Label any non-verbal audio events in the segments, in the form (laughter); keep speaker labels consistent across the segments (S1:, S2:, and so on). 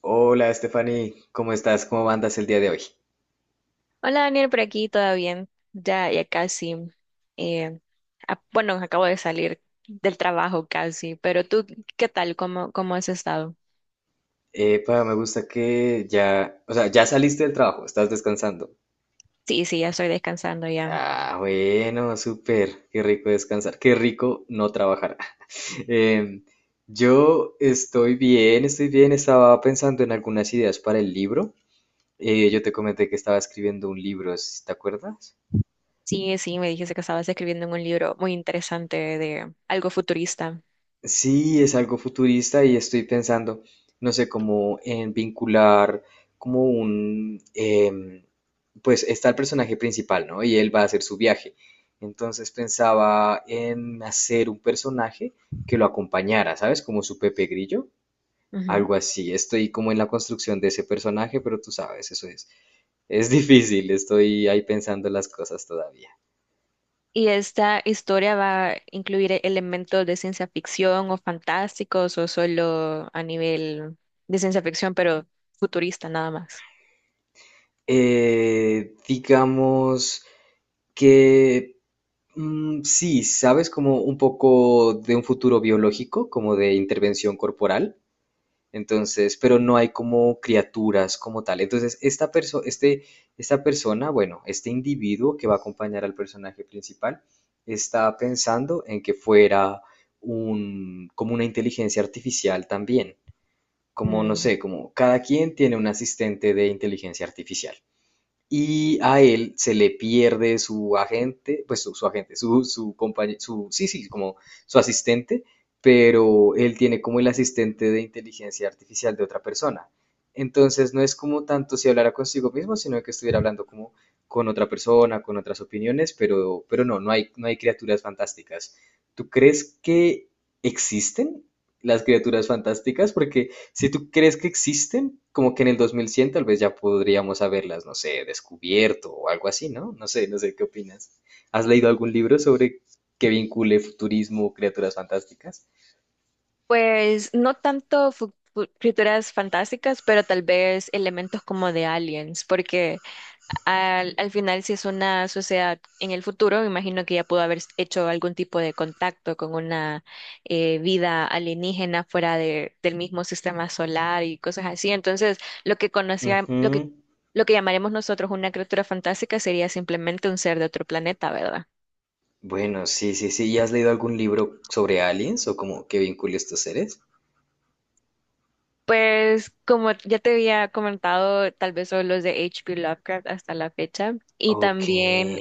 S1: Hola, Stephanie, ¿cómo estás? ¿Cómo andas el día de hoy?
S2: Hola Daniel, por aquí, ¿todo bien? Ya, ya casi. eh, bueno, acabo de salir del trabajo casi, pero tú, ¿qué tal? ¿Cómo has estado?
S1: Epa, me gusta que ya, o sea, ya saliste del trabajo, estás descansando.
S2: Sí, sí, ya estoy descansando ya.
S1: Ah, bueno, súper, qué rico descansar, qué rico no trabajar. (laughs) Em, yo estoy bien, estaba pensando en algunas ideas para el libro. Yo te comenté que estaba escribiendo un libro, ¿sí? ¿Te acuerdas?
S2: Sí, sí, me dijiste que estabas escribiendo un libro muy interesante de algo futurista.
S1: Sí, es algo futurista y estoy pensando, no sé, como en vincular como un, pues está el personaje principal, ¿no? Y él va a hacer su viaje. Entonces pensaba en hacer un personaje que lo acompañara, ¿sabes? Como su Pepe Grillo,
S2: Ujú.
S1: algo así. Estoy como en la construcción de ese personaje, pero tú sabes, eso es difícil, estoy ahí pensando las cosas todavía.
S2: ¿Y esta historia va a incluir elementos de ciencia ficción o fantásticos o solo a nivel de ciencia ficción, pero futurista nada más?
S1: Digamos que... sí, sabes como un poco de un futuro biológico, como de intervención corporal, entonces, pero no hay como criaturas como tal. Entonces, este, esta persona, bueno, este individuo que va a acompañar al personaje principal, está pensando en que fuera un, como una inteligencia artificial también, como no
S2: Mm.
S1: sé, como cada quien tiene un asistente de inteligencia artificial. Y a él se le pierde su agente, pues su agente, su compañero, su, sí, sí, como su asistente, pero él tiene como el asistente de inteligencia artificial de otra persona. Entonces no es como tanto si hablara consigo mismo, sino que estuviera hablando como con otra persona, con otras opiniones, pero, pero no hay, no hay criaturas fantásticas. ¿Tú crees que existen las criaturas fantásticas? Porque si tú crees que existen, como que en el 2100 tal vez ya podríamos haberlas, no sé, descubierto o algo así, ¿no? No sé, no sé qué opinas. ¿Has leído algún libro sobre que vincule futurismo o criaturas fantásticas?
S2: Pues no tanto criaturas fantásticas, pero tal vez elementos como de aliens, porque al final si es una sociedad en el futuro, me imagino que ya pudo haber hecho algún tipo de contacto con una vida alienígena fuera del mismo sistema solar y cosas así. Entonces, lo que conocía,
S1: Ujú.
S2: lo que llamaremos nosotros una criatura fantástica sería simplemente un ser de otro planeta, ¿verdad?
S1: Bueno, sí, sí, sí. ¿Y has leído algún libro sobre aliens o como que vincule estos seres?
S2: Pues como ya te había comentado, tal vez son los de H.P. Lovecraft hasta la fecha. Y
S1: Ok.
S2: también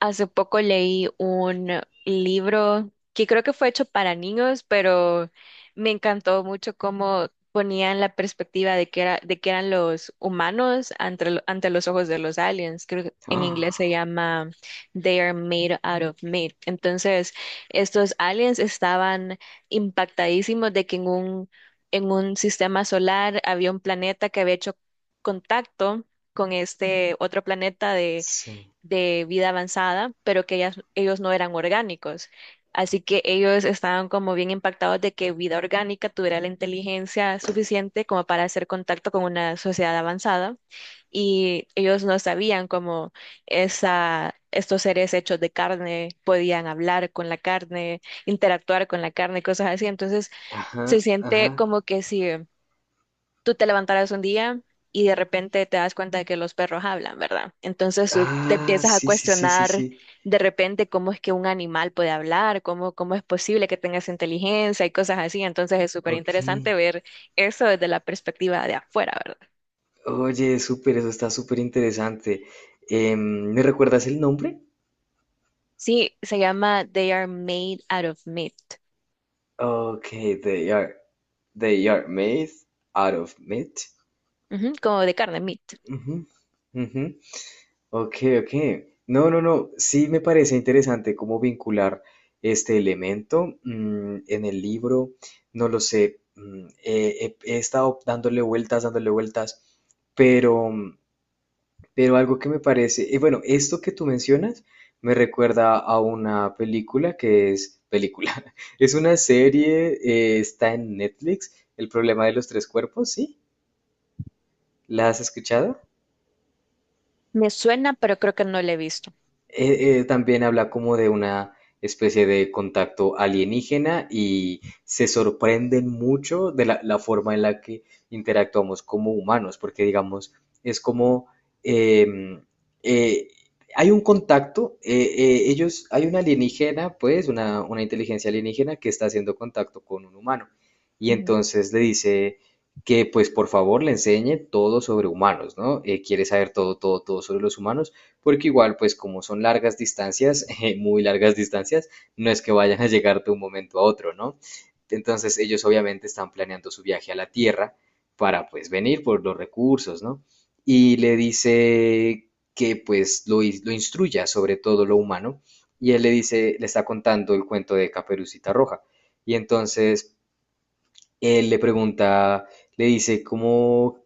S2: hace poco leí un libro que creo que fue hecho para niños, pero me encantó mucho cómo ponían la perspectiva de que era, de que eran los humanos ante, ante los ojos de los aliens. Creo que en inglés se
S1: Ah,
S2: llama They are made out of meat. Entonces, estos aliens estaban impactadísimos de que en un sistema solar había un planeta que había hecho contacto con este otro planeta de
S1: sí.
S2: de vida avanzada, pero que ellos no eran orgánicos. Así que ellos estaban como bien impactados de que vida orgánica tuviera la inteligencia suficiente como para hacer contacto con una sociedad avanzada y ellos no sabían cómo estos seres hechos de carne podían hablar con la carne, interactuar con la carne, cosas así. Entonces se
S1: Ajá,
S2: siente
S1: ajá.
S2: como que sí tú te levantarás un día y de repente te das cuenta de que los perros hablan, ¿verdad? Entonces tú te
S1: Ah,
S2: empiezas a
S1: sí, sí, sí, sí,
S2: cuestionar
S1: sí.
S2: de repente cómo es que un animal puede hablar, cómo es posible que tengas inteligencia y cosas así. Entonces es súper
S1: Ok.
S2: interesante ver eso desde la perspectiva de afuera, ¿verdad?
S1: Oye, súper, eso está súper interesante. ¿Me recuerdas el nombre?
S2: Sí, se llama They Are Made Out of Meat.
S1: Ok, they are, they are made out of meat.
S2: Ujú, como de carne, meat.
S1: Ujú, ujú. Ok, ok. No, no, no. Sí me parece interesante cómo vincular este elemento en el libro. No lo sé. He estado dándole vueltas, pero... pero algo que me parece, bueno, esto que tú mencionas me recuerda a una película que es película, (laughs) es una serie, está en Netflix, El problema de los tres cuerpos, ¿sí? ¿La has escuchado?
S2: Me suena, pero creo que no lo he visto.
S1: También habla como de una especie de contacto alienígena y se sorprenden mucho de la, la forma en la que interactuamos como humanos, porque digamos, es como em, eh, hay un contacto, ellos, hay una alienígena, pues, una inteligencia alienígena que está haciendo contacto con un humano y
S2: Ujú,
S1: entonces le dice que pues por favor le enseñe todo sobre humanos, ¿no? Quiere saber todo, todo, todo sobre los humanos porque igual, pues como son largas distancias, (laughs) muy largas distancias, no es que vayan a llegar de un momento a otro, ¿no? Entonces ellos obviamente están planeando su viaje a la Tierra para pues venir por los recursos, ¿no? Y le dice que pues lo, lo instruya sobre todo lo humano y él le dice, le está contando el cuento de Caperucita Roja. Y entonces él le pregunta, le dice, ¿cómo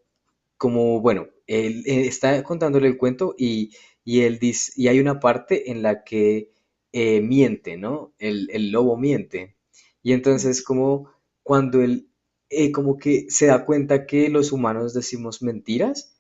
S1: como, bueno, él está contándole el cuento y él dice, y hay una parte en la que miente, ¿no? El lobo miente. Y entonces
S2: ujú.
S1: como cuando él como que se da cuenta que los humanos decimos mentiras,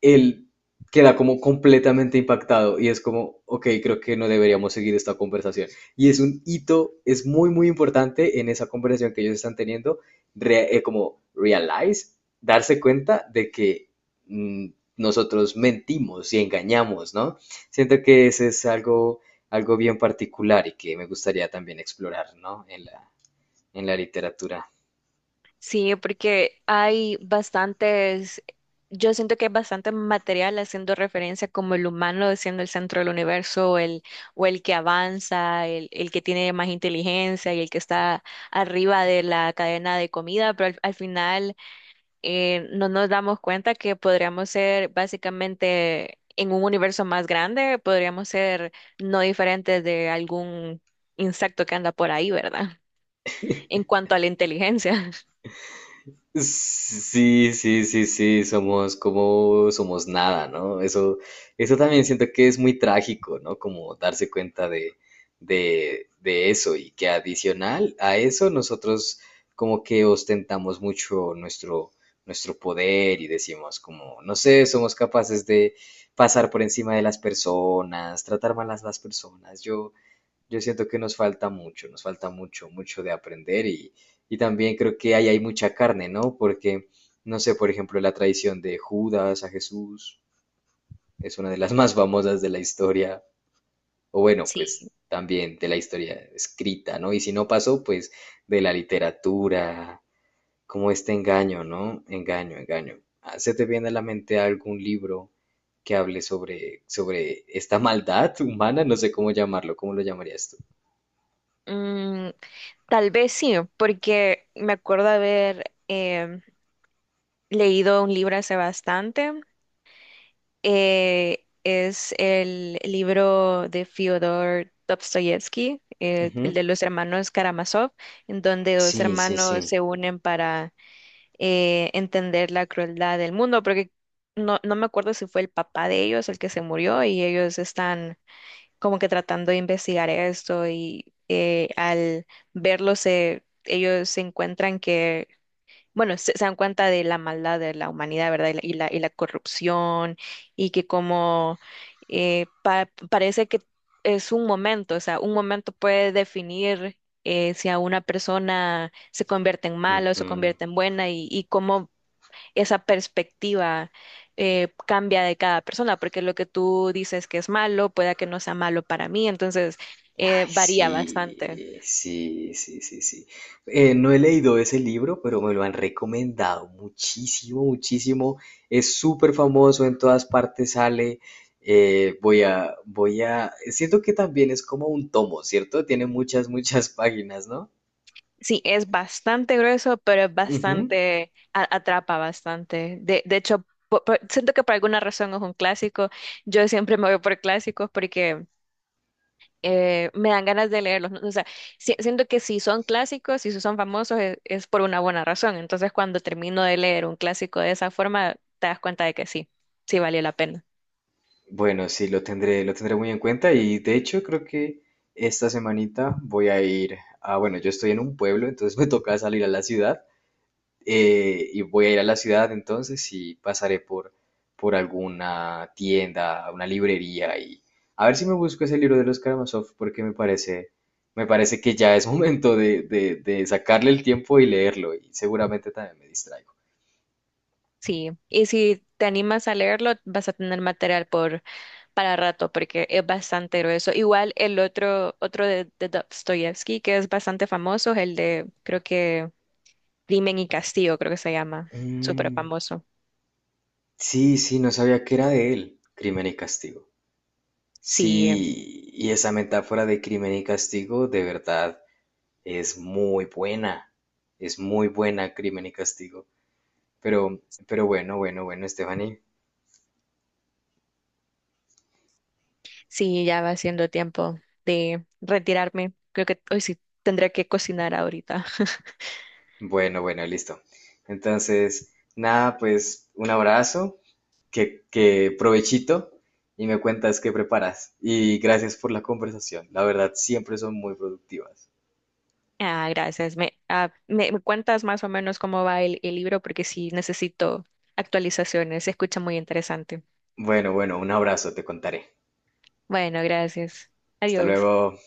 S1: él queda como completamente impactado y es como, ok, creo que no deberíamos seguir esta conversación. Y es un hito, es muy, muy importante en esa conversación que ellos están teniendo, como realize, darse cuenta de que mm, nosotros mentimos y engañamos, ¿no? Siento que ese es algo, algo bien particular y que me gustaría también explorar, ¿no? En la literatura.
S2: Sí, porque hay bastantes, yo siento que hay bastante material haciendo referencia como el humano siendo el centro del universo, el, o el que avanza, el que tiene más inteligencia y el que está arriba de la cadena de comida, pero al final no nos damos cuenta que podríamos ser básicamente en un universo más grande, podríamos ser no diferentes de algún insecto que anda por ahí, ¿verdad? En cuanto a la inteligencia. (laughs)
S1: Sí, sí, sí, sí, somos como, somos nada, ¿no? Eso también siento que es muy trágico, ¿no? Como darse cuenta de eso y que adicional a eso nosotros como que ostentamos mucho nuestro, nuestro poder y decimos como, no sé, somos capaces de pasar por encima de las personas, tratar mal a las personas. Yo siento que nos falta mucho, mucho de aprender y también creo que ahí hay mucha carne, ¿no? Porque, no sé, por ejemplo, la traición de Judas a Jesús es una de las (laughs) más famosas de la historia, o bueno,
S2: Sí,
S1: pues también de la historia escrita, ¿no? Y si no pasó, pues de la literatura, como este engaño, ¿no? Engaño, engaño. Ah, ¿se te viene a la mente algún libro que hable sobre, sobre esta maldad humana? No sé cómo llamarlo, ¿cómo lo llamarías tú?
S2: mm, tal vez sí, porque me acuerdo haber leído un libro hace bastante. Es el libro de Fyodor Dostoyevsky, el de los hermanos Karamazov, en donde dos
S1: Sí, sí, sí.
S2: hermanos se unen para entender la crueldad del mundo, porque no me acuerdo si fue el papá de ellos el que se murió y ellos están como que tratando de investigar esto y al ellos se encuentran que, bueno, se dan cuenta de la maldad de la humanidad, ¿verdad? Y y la corrupción y que como parece que es un momento, o sea, un momento puede definir si a una persona se convierte en mala o se
S1: Ujú.
S2: convierte en buena y cómo esa perspectiva cambia de cada persona, porque lo que tú dices que es malo, pueda que no sea malo para mí, entonces
S1: Ay,
S2: varía bastante.
S1: sí, sí, sí, sí, sí. No he leído ese libro, pero me lo han recomendado muchísimo, muchísimo. Es súper famoso, en todas partes sale. Voy a, voy a. Siento que también es como un tomo, ¿cierto? Tiene muchas, muchas páginas, ¿no?
S2: Sí, es bastante grueso, pero es
S1: Ujú.
S2: bastante, atrapa bastante. De hecho, siento que por alguna razón es un clásico. Yo siempre me voy por clásicos porque me dan ganas de leerlos, ¿no? O sea, siento que si son clásicos, si son famosos, es por una buena razón. Entonces, cuando termino de leer un clásico de esa forma, te das cuenta de que sí, sí valió la pena.
S1: Bueno, sí, lo tendré muy en cuenta y de hecho creo que esta semanita voy a ir a, bueno, yo estoy en un pueblo, entonces (laughs) me toca salir a la ciudad y voy a ir a la ciudad entonces y pasaré por alguna tienda, una librería y a ver si me busco ese libro de los Karamazov porque me parece que ya es (laughs) momento de sacarle el tiempo y leerlo y seguramente también me distraigo.
S2: Sí, y si te animas a leerlo, vas a tener material para rato, porque es bastante grueso. Igual el otro, otro de Dostoyevsky, que es bastante famoso, es el de, creo que, Crimen y Castigo, creo que se llama, súper
S1: Mm,
S2: famoso.
S1: sí, sí, no sabía que era de él, Crimen y Castigo.
S2: Sí,
S1: Sí, y esa metáfora de crimen y castigo de verdad es muy buena, es muy buena crimen y castigo. Pero, pero bueno, bueno, bueno, Stephanie.
S2: sí, ya va siendo tiempo de retirarme. Creo que hoy sí tendré que cocinar ahorita. (laughs)
S1: Bueno, bueno, listo. Entonces, nada, pues un abrazo, que provechito y me cuentas qué preparas. Y gracias por la conversación. La verdad, siempre son muy productivas.
S2: Ah, gracias. Me cuentas más o menos cómo va el libro porque sí necesito actualizaciones. Se escucha muy interesante.
S1: Bueno, bueno, un abrazo, te contaré.
S2: Bueno, gracias.
S1: Hasta
S2: Adiós.
S1: luego.